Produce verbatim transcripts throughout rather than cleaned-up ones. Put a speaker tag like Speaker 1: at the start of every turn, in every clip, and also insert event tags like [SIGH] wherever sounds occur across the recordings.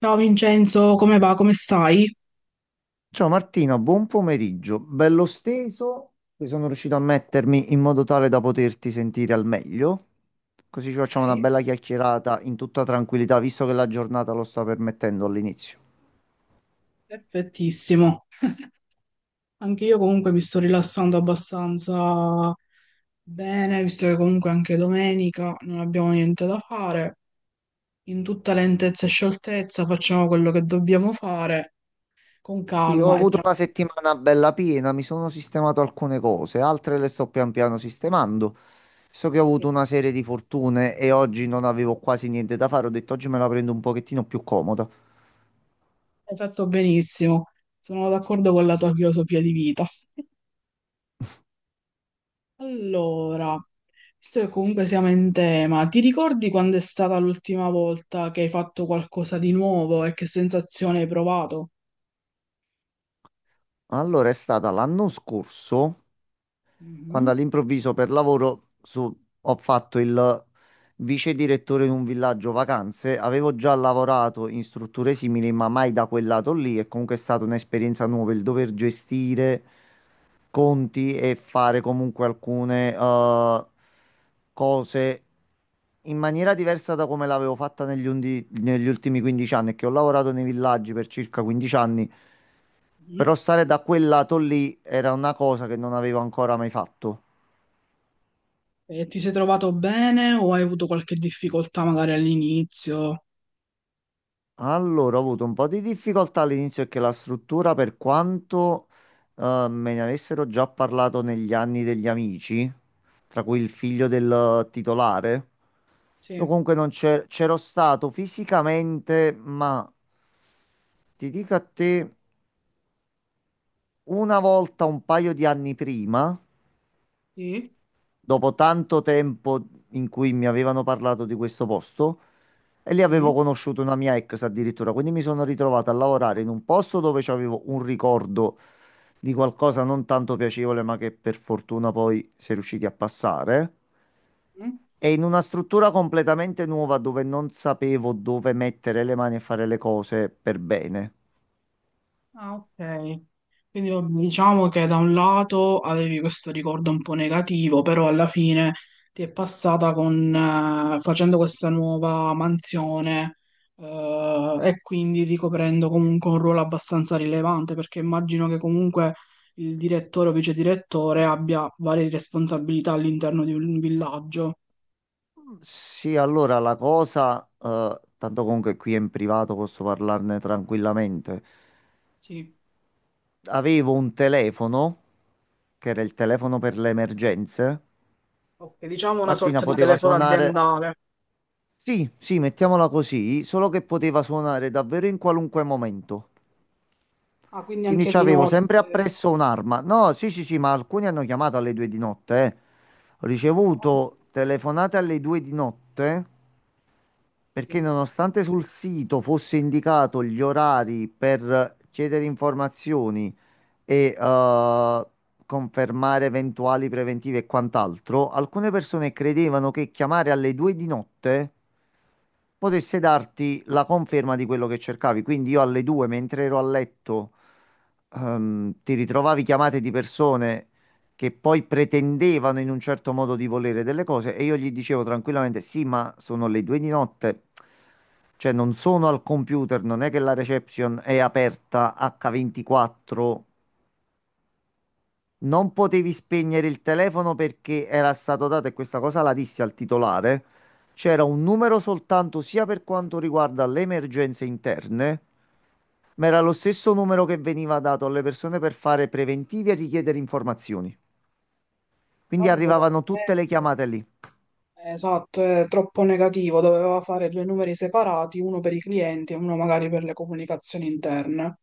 Speaker 1: Ciao Vincenzo, come va? Come stai?
Speaker 2: Ciao Martina, buon pomeriggio. Bello steso, che sono riuscito a mettermi in modo tale da poterti sentire al meglio. Così ci facciamo una
Speaker 1: Ok,
Speaker 2: bella chiacchierata in tutta tranquillità, visto che la giornata lo sta permettendo all'inizio.
Speaker 1: perfettissimo. Anche io comunque mi sto rilassando abbastanza bene, visto che comunque anche domenica non abbiamo niente da fare. In tutta lentezza e scioltezza facciamo quello che dobbiamo fare con
Speaker 2: Sì, ho
Speaker 1: calma e
Speaker 2: avuto
Speaker 1: tranquillità.
Speaker 2: una settimana bella piena, mi sono sistemato alcune cose, altre le sto pian piano sistemando. So che ho avuto una serie di fortune e oggi non avevo quasi niente da fare, ho detto oggi me la prendo un pochettino più comoda.
Speaker 1: Hai fatto benissimo. Sono d'accordo con la tua filosofia di vita. Allora, visto che comunque siamo in tema, ti ricordi quando è stata l'ultima volta che hai fatto qualcosa di nuovo e che sensazione hai provato?
Speaker 2: Allora, è stata l'anno scorso, quando
Speaker 1: Mhm,
Speaker 2: all'improvviso per lavoro su- ho fatto il vice direttore in un villaggio vacanze. Avevo già lavorato in strutture simili, ma mai da quel lato lì. È comunque stata un'esperienza nuova il dover gestire conti e fare comunque alcune eh, cose in maniera diversa da come l'avevo fatta negli, undi- negli ultimi quindici anni, che ho lavorato nei villaggi per circa quindici anni,
Speaker 1: mhm.
Speaker 2: però stare da quel lato lì era una cosa che non avevo ancora mai fatto.
Speaker 1: E ti sei trovato bene o hai avuto qualche difficoltà magari all'inizio?
Speaker 2: Allora, ho avuto un po' di difficoltà all'inizio perché la struttura, per quanto eh, me ne avessero già parlato negli anni degli amici, tra cui il figlio del titolare, io
Speaker 1: Sì,
Speaker 2: comunque non c'è- c'ero stato fisicamente, ma ti dico a te, una volta un paio di anni prima,
Speaker 1: sì,
Speaker 2: dopo tanto tempo in cui mi avevano parlato di questo posto, e lì avevo
Speaker 1: sì.
Speaker 2: conosciuto una mia ex addirittura, quindi mi sono ritrovato a lavorare in un posto dove c'avevo un ricordo di qualcosa non tanto piacevole, ma che per fortuna poi si è riusciti a passare. E in una struttura completamente nuova dove non sapevo dove mettere le mani e fare le cose per bene.
Speaker 1: Ah, ok. Quindi vabbè, diciamo che da un lato avevi questo ricordo un po' negativo, però alla fine ti è passata con, eh, facendo questa nuova mansione, eh, e quindi ricoprendo comunque un ruolo abbastanza rilevante, perché immagino che comunque il direttore o vice direttore abbia varie responsabilità all'interno di un villaggio.
Speaker 2: Sì, allora la cosa, eh, tanto comunque qui in privato posso parlarne tranquillamente.
Speaker 1: Sì.
Speaker 2: Avevo un telefono, che era il telefono per le emergenze.
Speaker 1: Ok, diciamo una
Speaker 2: Martina
Speaker 1: sorta di
Speaker 2: poteva
Speaker 1: telefono
Speaker 2: suonare,
Speaker 1: aziendale.
Speaker 2: sì, sì, mettiamola così, solo che poteva suonare davvero in qualunque momento.
Speaker 1: Ah, quindi
Speaker 2: Quindi
Speaker 1: anche di
Speaker 2: c'avevo
Speaker 1: notte.
Speaker 2: sempre appresso un'arma. No, sì, sì, sì, ma alcuni hanno chiamato alle due di notte. eh. Ho
Speaker 1: Madonna,
Speaker 2: ricevuto telefonate alle due di notte perché
Speaker 1: sì.
Speaker 2: nonostante sul sito fosse indicato gli orari per chiedere informazioni e eh, confermare eventuali preventivi e quant'altro, alcune persone credevano che chiamare alle due di notte potesse darti la conferma di quello che cercavi. Quindi io alle due, mentre ero a letto, ehm, ti ritrovavi chiamate di persone che poi pretendevano in un certo modo di volere delle cose e io gli dicevo tranquillamente: "Sì, ma sono le due di notte. Cioè, non sono al computer, non è che la reception è aperta acca ventiquattro". Non potevi spegnere il telefono perché era stato dato, e questa cosa la dissi al titolare, c'era un numero soltanto sia per quanto riguarda le emergenze interne, ma era lo stesso numero che veniva dato alle persone per fare preventivi e richiedere informazioni.
Speaker 1: Ma
Speaker 2: Quindi
Speaker 1: proprio secondo
Speaker 2: arrivavano
Speaker 1: me,
Speaker 2: tutte le chiamate lì.
Speaker 1: esatto, è troppo negativo, doveva fare due numeri separati, uno per i clienti e uno magari per le comunicazioni interne.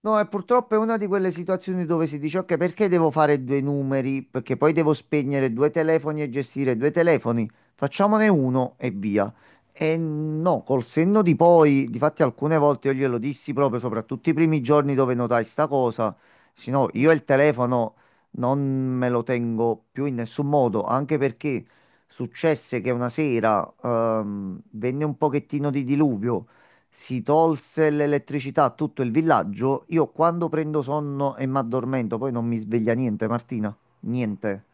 Speaker 2: No, e purtroppo è una di quelle situazioni dove si dice, ok, perché devo fare due numeri? Perché poi devo spegnere due telefoni e gestire due telefoni. Facciamone uno e via. E no, col senno di poi, difatti alcune volte io glielo dissi proprio, soprattutto i primi giorni dove notai sta cosa, se no,
Speaker 1: Mm.
Speaker 2: io il telefono non me lo tengo più in nessun modo, anche perché successe che una sera ehm, venne un pochettino di diluvio. Si tolse l'elettricità a tutto il villaggio. Io quando prendo sonno e mi addormento, poi non mi sveglia niente, Martina. Niente.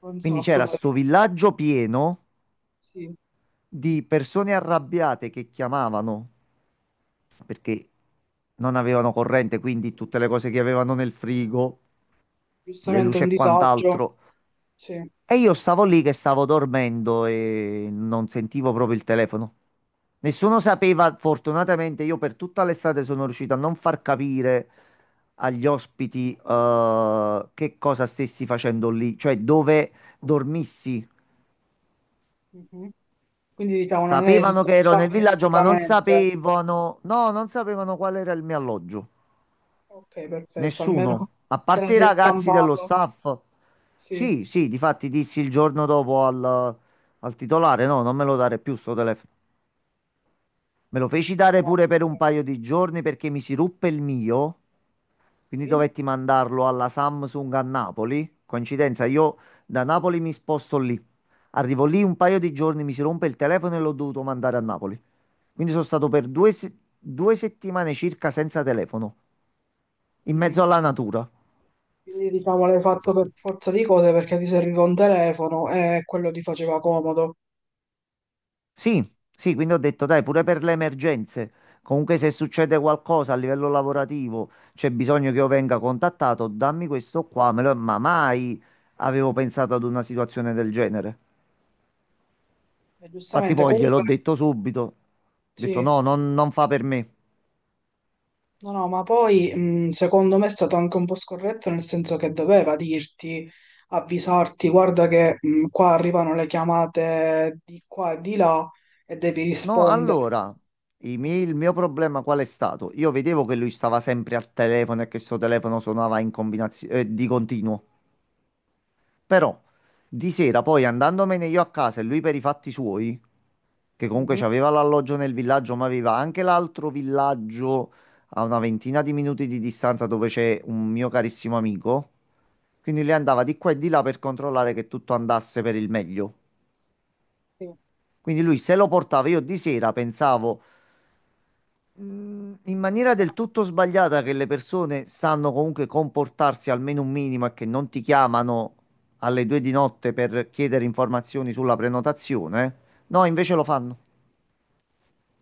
Speaker 1: Un
Speaker 2: Quindi
Speaker 1: sasso
Speaker 2: c'era sto
Speaker 1: praticamente,
Speaker 2: villaggio pieno
Speaker 1: sì.
Speaker 2: di persone arrabbiate che chiamavano perché non avevano corrente, quindi tutte le cose che avevano nel frigo, le
Speaker 1: Giustamente
Speaker 2: luci
Speaker 1: un
Speaker 2: e
Speaker 1: disagio,
Speaker 2: quant'altro.
Speaker 1: sì.
Speaker 2: E io stavo lì che stavo dormendo e non sentivo proprio il telefono. Nessuno sapeva, fortunatamente io per tutta l'estate sono riuscito a non far capire agli ospiti eh, che cosa stessi facendo lì, cioè dove dormissi.
Speaker 1: Mhm. Quindi diciamo non è
Speaker 2: Sapevano che ero nel
Speaker 1: rintracciabile
Speaker 2: villaggio, ma non
Speaker 1: fisicamente.
Speaker 2: sapevano, no, non sapevano qual era il mio alloggio.
Speaker 1: Ok, perfetto,
Speaker 2: Nessuno,
Speaker 1: almeno
Speaker 2: a
Speaker 1: te la
Speaker 2: parte i
Speaker 1: sei
Speaker 2: ragazzi dello
Speaker 1: scampato,
Speaker 2: staff.
Speaker 1: sì.
Speaker 2: Sì, sì, difatti dissi il giorno dopo al, al titolare, no, non me lo dare più sto telefono. Me lo feci
Speaker 1: No,
Speaker 2: dare
Speaker 1: ma
Speaker 2: pure per un
Speaker 1: comunque
Speaker 2: paio di giorni perché mi si ruppe il mio. Quindi
Speaker 1: sì.
Speaker 2: dovetti mandarlo alla Samsung a Napoli. Coincidenza, io da Napoli mi sposto lì. Arrivo lì un paio di giorni, mi si rompe il telefono e l'ho dovuto mandare a Napoli. Quindi sono stato per due, se- due settimane circa senza telefono, in
Speaker 1: Mm.
Speaker 2: mezzo alla natura.
Speaker 1: Quindi diciamo l'hai fatto per forza di cose perché ti serviva un telefono e quello ti faceva comodo.
Speaker 2: Sì, sì, quindi ho detto, dai, pure per le emergenze. Comunque se succede qualcosa a livello lavorativo, c'è bisogno che io venga contattato, dammi questo qua, me lo- ma mai avevo pensato ad una situazione del genere.
Speaker 1: E
Speaker 2: Infatti
Speaker 1: giustamente
Speaker 2: poi gliel'ho
Speaker 1: comunque...
Speaker 2: detto subito, ho detto
Speaker 1: Sì,
Speaker 2: no, non, non fa per me.
Speaker 1: no, no, ma poi mh, secondo me è stato anche un po' scorretto nel senso che doveva dirti, avvisarti, guarda che mh, qua arrivano le chiamate di qua e di là e devi
Speaker 2: No,
Speaker 1: rispondere.
Speaker 2: allora, i miei- il mio problema qual è stato? Io vedevo che lui stava sempre al telefono e che suo telefono suonava in combinazione, eh, di continuo. Però di sera poi andandomene io a casa e lui per i fatti suoi, che comunque c'aveva l'alloggio nel villaggio, ma aveva anche l'altro villaggio a una ventina di minuti di distanza dove c'è un mio carissimo amico. Quindi lui andava di qua e di là per controllare che tutto andasse per il meglio.
Speaker 1: Mhm.
Speaker 2: Quindi lui se lo portava io di sera, pensavo mh, in maniera del tutto sbagliata che le persone sanno comunque comportarsi almeno un minimo e che non ti chiamano alle due di notte per chiedere informazioni sulla prenotazione, eh? No, invece lo fanno.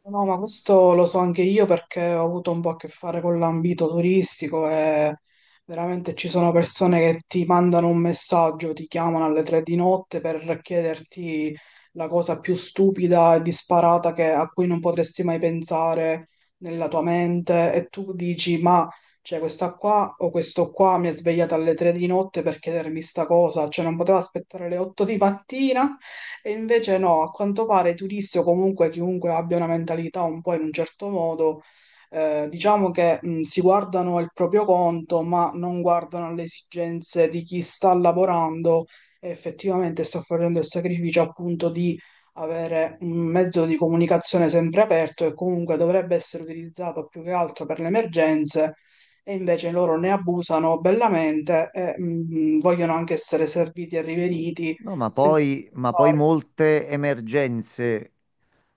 Speaker 1: No, ma questo lo so anche io perché ho avuto un po' a che fare con l'ambito turistico e veramente ci sono persone che ti mandano un messaggio, ti chiamano alle tre di notte per chiederti la cosa più stupida e disparata che- a cui non potresti mai pensare nella tua mente e tu dici, ma cioè, questa qua o questo qua mi ha svegliato alle tre di notte per chiedermi sta cosa, cioè non poteva aspettare le otto di mattina e invece no, a quanto pare i turisti o comunque chiunque abbia una mentalità un po' in un certo modo, eh, diciamo che mh, si guardano il proprio conto, ma non guardano le esigenze di chi sta lavorando e effettivamente sta facendo il sacrificio appunto di avere un mezzo di comunicazione sempre aperto e comunque dovrebbe essere utilizzato più che altro per le emergenze e invece loro ne abusano bellamente e mh, vogliono anche essere serviti e riveriti
Speaker 2: No, ma
Speaker 1: senza
Speaker 2: poi, ma poi
Speaker 1: aspettare.
Speaker 2: molte emergenze,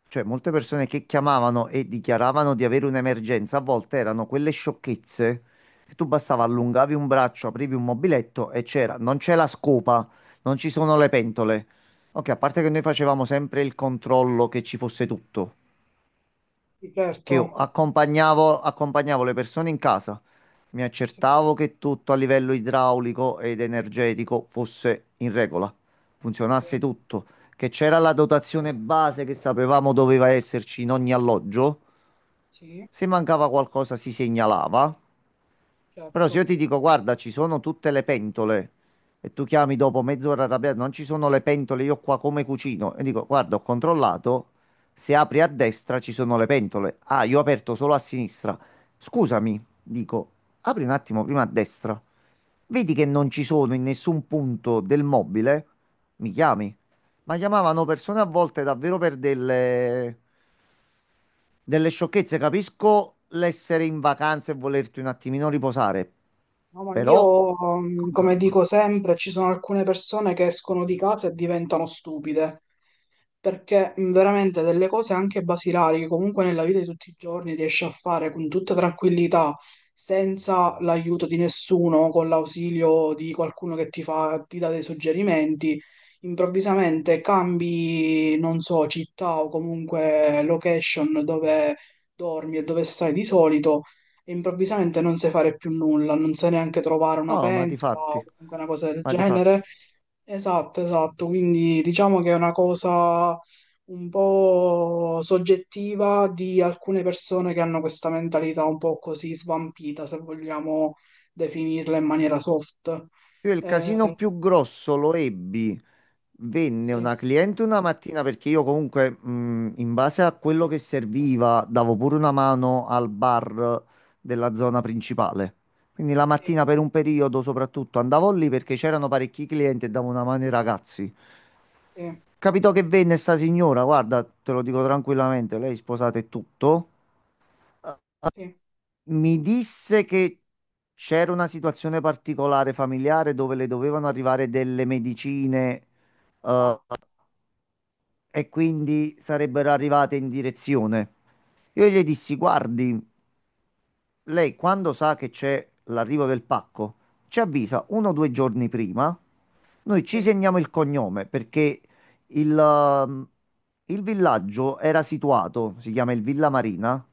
Speaker 2: cioè molte
Speaker 1: Sì,
Speaker 2: persone che chiamavano e dichiaravano di avere un'emergenza, a volte erano quelle sciocchezze che tu bastava allungavi un braccio, aprivi un mobiletto e c'era, non c'è la scopa, non ci sono le pentole. Ok, a parte che noi facevamo sempre il controllo che ci fosse tutto, che
Speaker 1: certo,
Speaker 2: io accompagnavo, accompagnavo le persone in casa, mi
Speaker 1: sì,
Speaker 2: accertavo che tutto a livello idraulico ed energetico fosse in regola,
Speaker 1: sì,
Speaker 2: funzionasse tutto, che c'era la dotazione base che sapevamo doveva esserci in ogni alloggio,
Speaker 1: sì,
Speaker 2: se mancava qualcosa si segnalava. Però se io
Speaker 1: certo.
Speaker 2: ti dico, guarda, ci sono tutte le pentole e tu chiami dopo mezz'ora arrabbiato, non ci sono le pentole, io qua come cucino, e dico, guarda, ho controllato, se apri a destra ci sono le pentole. Ah, io ho aperto solo a sinistra. Scusami, dico, apri un attimo prima a destra. Vedi che non ci sono in nessun punto del mobile? Mi chiami? Ma chiamavano persone a volte davvero per delle delle sciocchezze. Capisco l'essere in vacanza e volerti un attimino riposare,
Speaker 1: No, ma
Speaker 2: però
Speaker 1: io, mm,
Speaker 2: con
Speaker 1: come
Speaker 2: calma.
Speaker 1: dico sempre, ci sono alcune persone che escono di casa e diventano stupide. Perché mh, veramente delle cose anche basilari che comunque nella vita di tutti i giorni riesce a fare con tutta tranquillità, senza l'aiuto di nessuno, con l'ausilio di qualcuno che ti fa, ti dà dei suggerimenti, improvvisamente cambi, non so, città o comunque location dove dormi e dove stai di solito e improvvisamente non sai fare più nulla, non sai neanche trovare una
Speaker 2: No, ma di
Speaker 1: pentola o
Speaker 2: fatti,
Speaker 1: comunque una cosa del
Speaker 2: ma di
Speaker 1: genere.
Speaker 2: fatti.
Speaker 1: Esatto, esatto, quindi diciamo che è una cosa un po' soggettiva di alcune persone che hanno questa mentalità un po' così svampita, se vogliamo definirla in maniera soft.
Speaker 2: Io il casino
Speaker 1: Eh,
Speaker 2: più grosso lo ebbi. Venne
Speaker 1: sì,
Speaker 2: una cliente una mattina perché io comunque, mh, in base a quello che serviva, davo pure una mano al bar della zona principale. Quindi la
Speaker 1: sì,
Speaker 2: mattina per un periodo soprattutto andavo lì perché c'erano parecchi clienti e davo una mano ai ragazzi.
Speaker 1: sì,
Speaker 2: Capitò che venne sta signora, guarda, te lo dico tranquillamente, lei è sposata e tutto.
Speaker 1: sì.
Speaker 2: Mi disse che c'era una situazione particolare familiare dove le dovevano arrivare delle medicine
Speaker 1: Ah,
Speaker 2: e quindi sarebbero arrivate in direzione. Io gli dissi, guardi, lei quando sa che c'è l'arrivo del pacco, ci avvisa uno o due giorni prima. Noi ci
Speaker 1: sì,
Speaker 2: segniamo il cognome perché il, ehm, il villaggio era situato, si chiama il Villa Marina.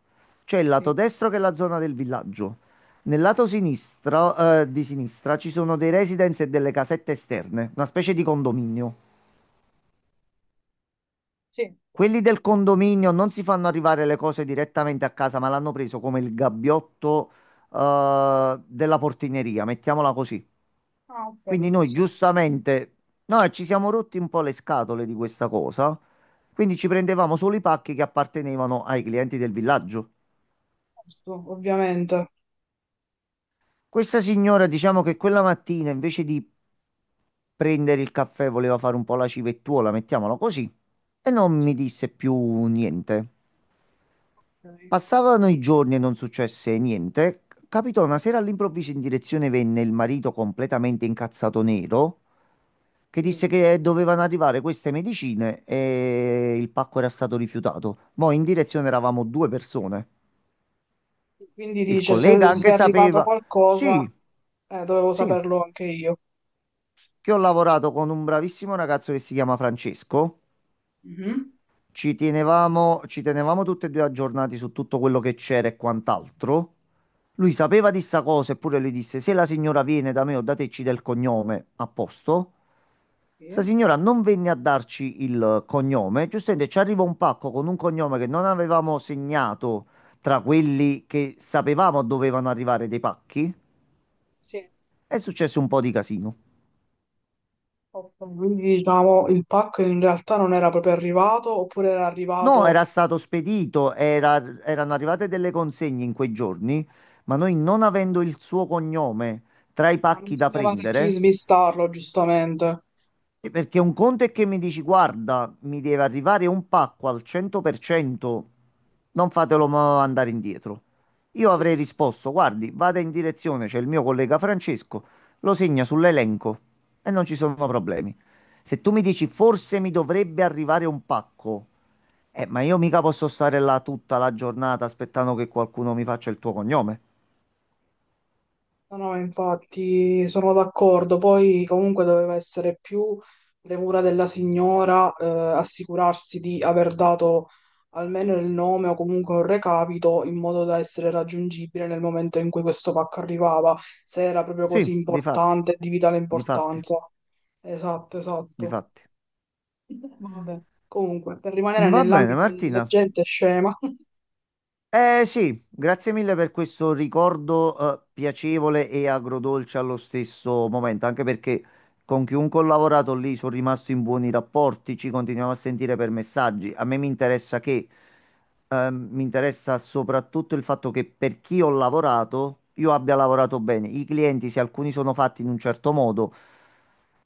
Speaker 2: C'è il lato
Speaker 1: sì,
Speaker 2: destro che è la zona del villaggio. Nel lato sinistro, eh, di sinistra ci sono dei residence e delle casette esterne, una specie di condominio.
Speaker 1: sì.
Speaker 2: Quelli del condominio non si fanno arrivare le cose direttamente a casa, ma l'hanno preso come il gabbiotto, eh, della portineria, mettiamola così.
Speaker 1: Ah,
Speaker 2: Quindi
Speaker 1: ok,
Speaker 2: noi
Speaker 1: sì, sì, sì.
Speaker 2: giustamente, noi ci siamo rotti un po' le scatole di questa cosa, quindi ci prendevamo solo i pacchi che appartenevano ai clienti del villaggio.
Speaker 1: Giusto, ovviamente.
Speaker 2: Questa signora, diciamo che quella mattina invece di prendere il caffè voleva fare un po' la civettuola, mettiamola così, e non mi disse più niente.
Speaker 1: Ok.
Speaker 2: Passavano i giorni e non successe niente. Capitò una sera all'improvviso in direzione venne il marito completamente incazzato nero che disse
Speaker 1: Mm.
Speaker 2: che dovevano arrivare queste medicine e il pacco era stato rifiutato. Noi in direzione eravamo due persone.
Speaker 1: Quindi
Speaker 2: Il
Speaker 1: dice, se,
Speaker 2: collega
Speaker 1: se
Speaker 2: anche
Speaker 1: è arrivato
Speaker 2: sapeva,
Speaker 1: qualcosa,
Speaker 2: sì,
Speaker 1: eh, dovevo
Speaker 2: sì,
Speaker 1: saperlo anche io.
Speaker 2: che ho lavorato con un bravissimo ragazzo che si chiama Francesco.
Speaker 1: Mhm,
Speaker 2: Ci tenevamo, ci tenevamo tutti e due aggiornati su tutto quello che c'era e quant'altro. Lui sapeva di sta cosa, eppure lui disse: "Se la signora viene da me o da te, ci dà il cognome a posto". Sta
Speaker 1: sì.
Speaker 2: signora non venne a darci il cognome. Giustamente ci arriva un pacco con un cognome che non avevamo segnato tra quelli che sapevamo dovevano arrivare dei pacchi.
Speaker 1: Sì.
Speaker 2: È successo un po' di casino.
Speaker 1: Ok, quindi diciamo il pacco in realtà non era proprio arrivato, oppure era
Speaker 2: No,
Speaker 1: arrivato,
Speaker 2: era stato spedito, era- erano arrivate delle consegne in quei giorni, ma noi non avendo il suo cognome tra i
Speaker 1: ah, non
Speaker 2: pacchi da
Speaker 1: sapevate chi
Speaker 2: prendere,
Speaker 1: smistarlo, giustamente.
Speaker 2: e perché un conto è che mi dici, guarda, mi deve arrivare un pacco al cento per cento, non fatelo ma- andare indietro. Io avrei
Speaker 1: Sì.
Speaker 2: risposto, guardi, vada in direzione, c'è il mio collega Francesco, lo segna sull'elenco e non ci sono problemi. Se tu mi dici, forse mi dovrebbe arrivare un pacco. Eh, ma io mica posso stare là tutta la giornata aspettando che qualcuno mi faccia il tuo cognome.
Speaker 1: No, no, infatti sono d'accordo. Poi comunque doveva essere più premura della signora eh, assicurarsi di aver dato almeno il nome o comunque un recapito in modo da essere raggiungibile nel momento in cui questo pacco arrivava, se era proprio così
Speaker 2: Sì, difatti,
Speaker 1: importante, di vitale
Speaker 2: difatti,
Speaker 1: importanza. Esatto, esatto.
Speaker 2: difatti.
Speaker 1: Vabbè, comunque, per rimanere
Speaker 2: Va bene,
Speaker 1: nell'ambito della
Speaker 2: Martina.
Speaker 1: gente scema. [LAUGHS]
Speaker 2: Eh sì, grazie mille per questo ricordo eh, piacevole e agrodolce allo stesso momento, anche perché con chiunque ho lavorato lì sono rimasto in buoni rapporti, ci continuiamo a sentire per messaggi. A me mi interessa che, ehm, mi interessa soprattutto il fatto che per chi ho lavorato, io abbia lavorato bene. I clienti, se alcuni sono fatti in un certo modo,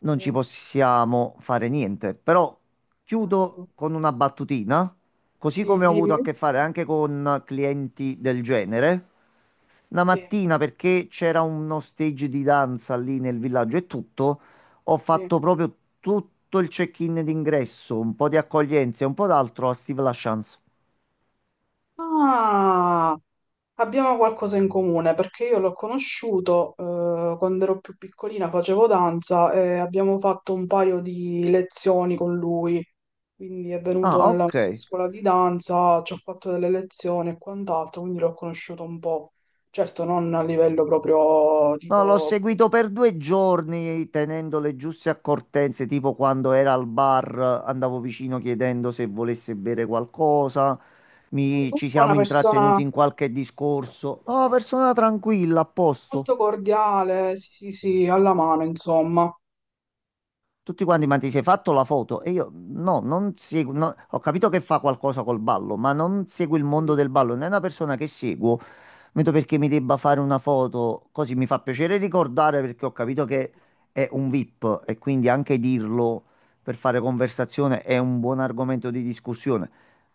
Speaker 2: non
Speaker 1: Sì,
Speaker 2: ci possiamo fare niente. Però chiudo
Speaker 1: certo.
Speaker 2: con una battutina. Così
Speaker 1: Sì,
Speaker 2: come ho
Speaker 1: dimmi.
Speaker 2: avuto a che fare anche con clienti del genere. La
Speaker 1: Sì,
Speaker 2: mattina, perché c'era uno stage di danza lì nel villaggio e tutto, ho
Speaker 1: sì.
Speaker 2: fatto proprio tutto il check-in d'ingresso, un po' di accoglienza e un po' d'altro a Steve LaChance.
Speaker 1: Ah! Abbiamo qualcosa in comune perché io l'ho conosciuto eh, quando ero più piccolina, facevo danza e abbiamo fatto un paio di lezioni con lui. Quindi è venuto
Speaker 2: Ah,
Speaker 1: nella
Speaker 2: ok.
Speaker 1: nostra scuola di danza, ci ho fatto delle lezioni e quant'altro, quindi l'ho conosciuto un po'. Certo, non a livello proprio
Speaker 2: No, l'ho
Speaker 1: tipo...
Speaker 2: seguito per due giorni tenendo le giuste accortenze, tipo quando era al bar andavo vicino chiedendo se volesse bere qualcosa,
Speaker 1: Sì,
Speaker 2: mi- ci
Speaker 1: comunque è una
Speaker 2: siamo intrattenuti
Speaker 1: persona
Speaker 2: in qualche discorso. No, persona tranquilla, a posto.
Speaker 1: molto cordiale, sì, sì, sì, alla mano, insomma.
Speaker 2: Tutti quanti, ma ti sei fatto la foto? E io no, non seguo, no, ho capito che fa qualcosa col ballo, ma non seguo il
Speaker 1: Sì.
Speaker 2: mondo
Speaker 1: Sì.
Speaker 2: del ballo, non è una persona che seguo. Vedo perché mi debba fare una foto, così mi fa piacere ricordare perché ho capito che è un VIP e quindi anche dirlo per fare conversazione è un buon argomento di discussione,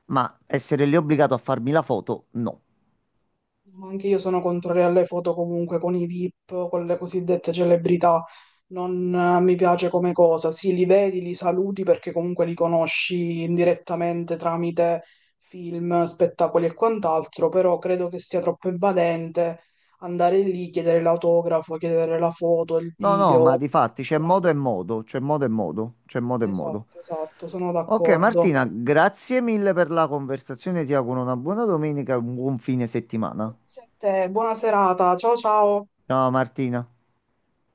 Speaker 2: ma essere lì obbligato a farmi la foto, no.
Speaker 1: Ma anche io sono contraria alle foto comunque con i V I P, con le cosiddette celebrità. Non eh, mi piace come cosa. Sì, li vedi, li saluti perché comunque li conosci indirettamente tramite film, spettacoli e quant'altro, però credo che sia troppo invadente andare lì, chiedere l'autografo, chiedere la foto, il
Speaker 2: No, no,
Speaker 1: video,
Speaker 2: ma di fatti c'è
Speaker 1: addirittura.
Speaker 2: modo e modo, c'è modo e modo, c'è modo e modo.
Speaker 1: Esatto, esatto, sono
Speaker 2: Ok
Speaker 1: d'accordo.
Speaker 2: Martina, grazie mille per la conversazione, ti auguro una buona domenica e un buon fine settimana.
Speaker 1: Grazie a te, buona serata, ciao ciao.
Speaker 2: Ciao Martina.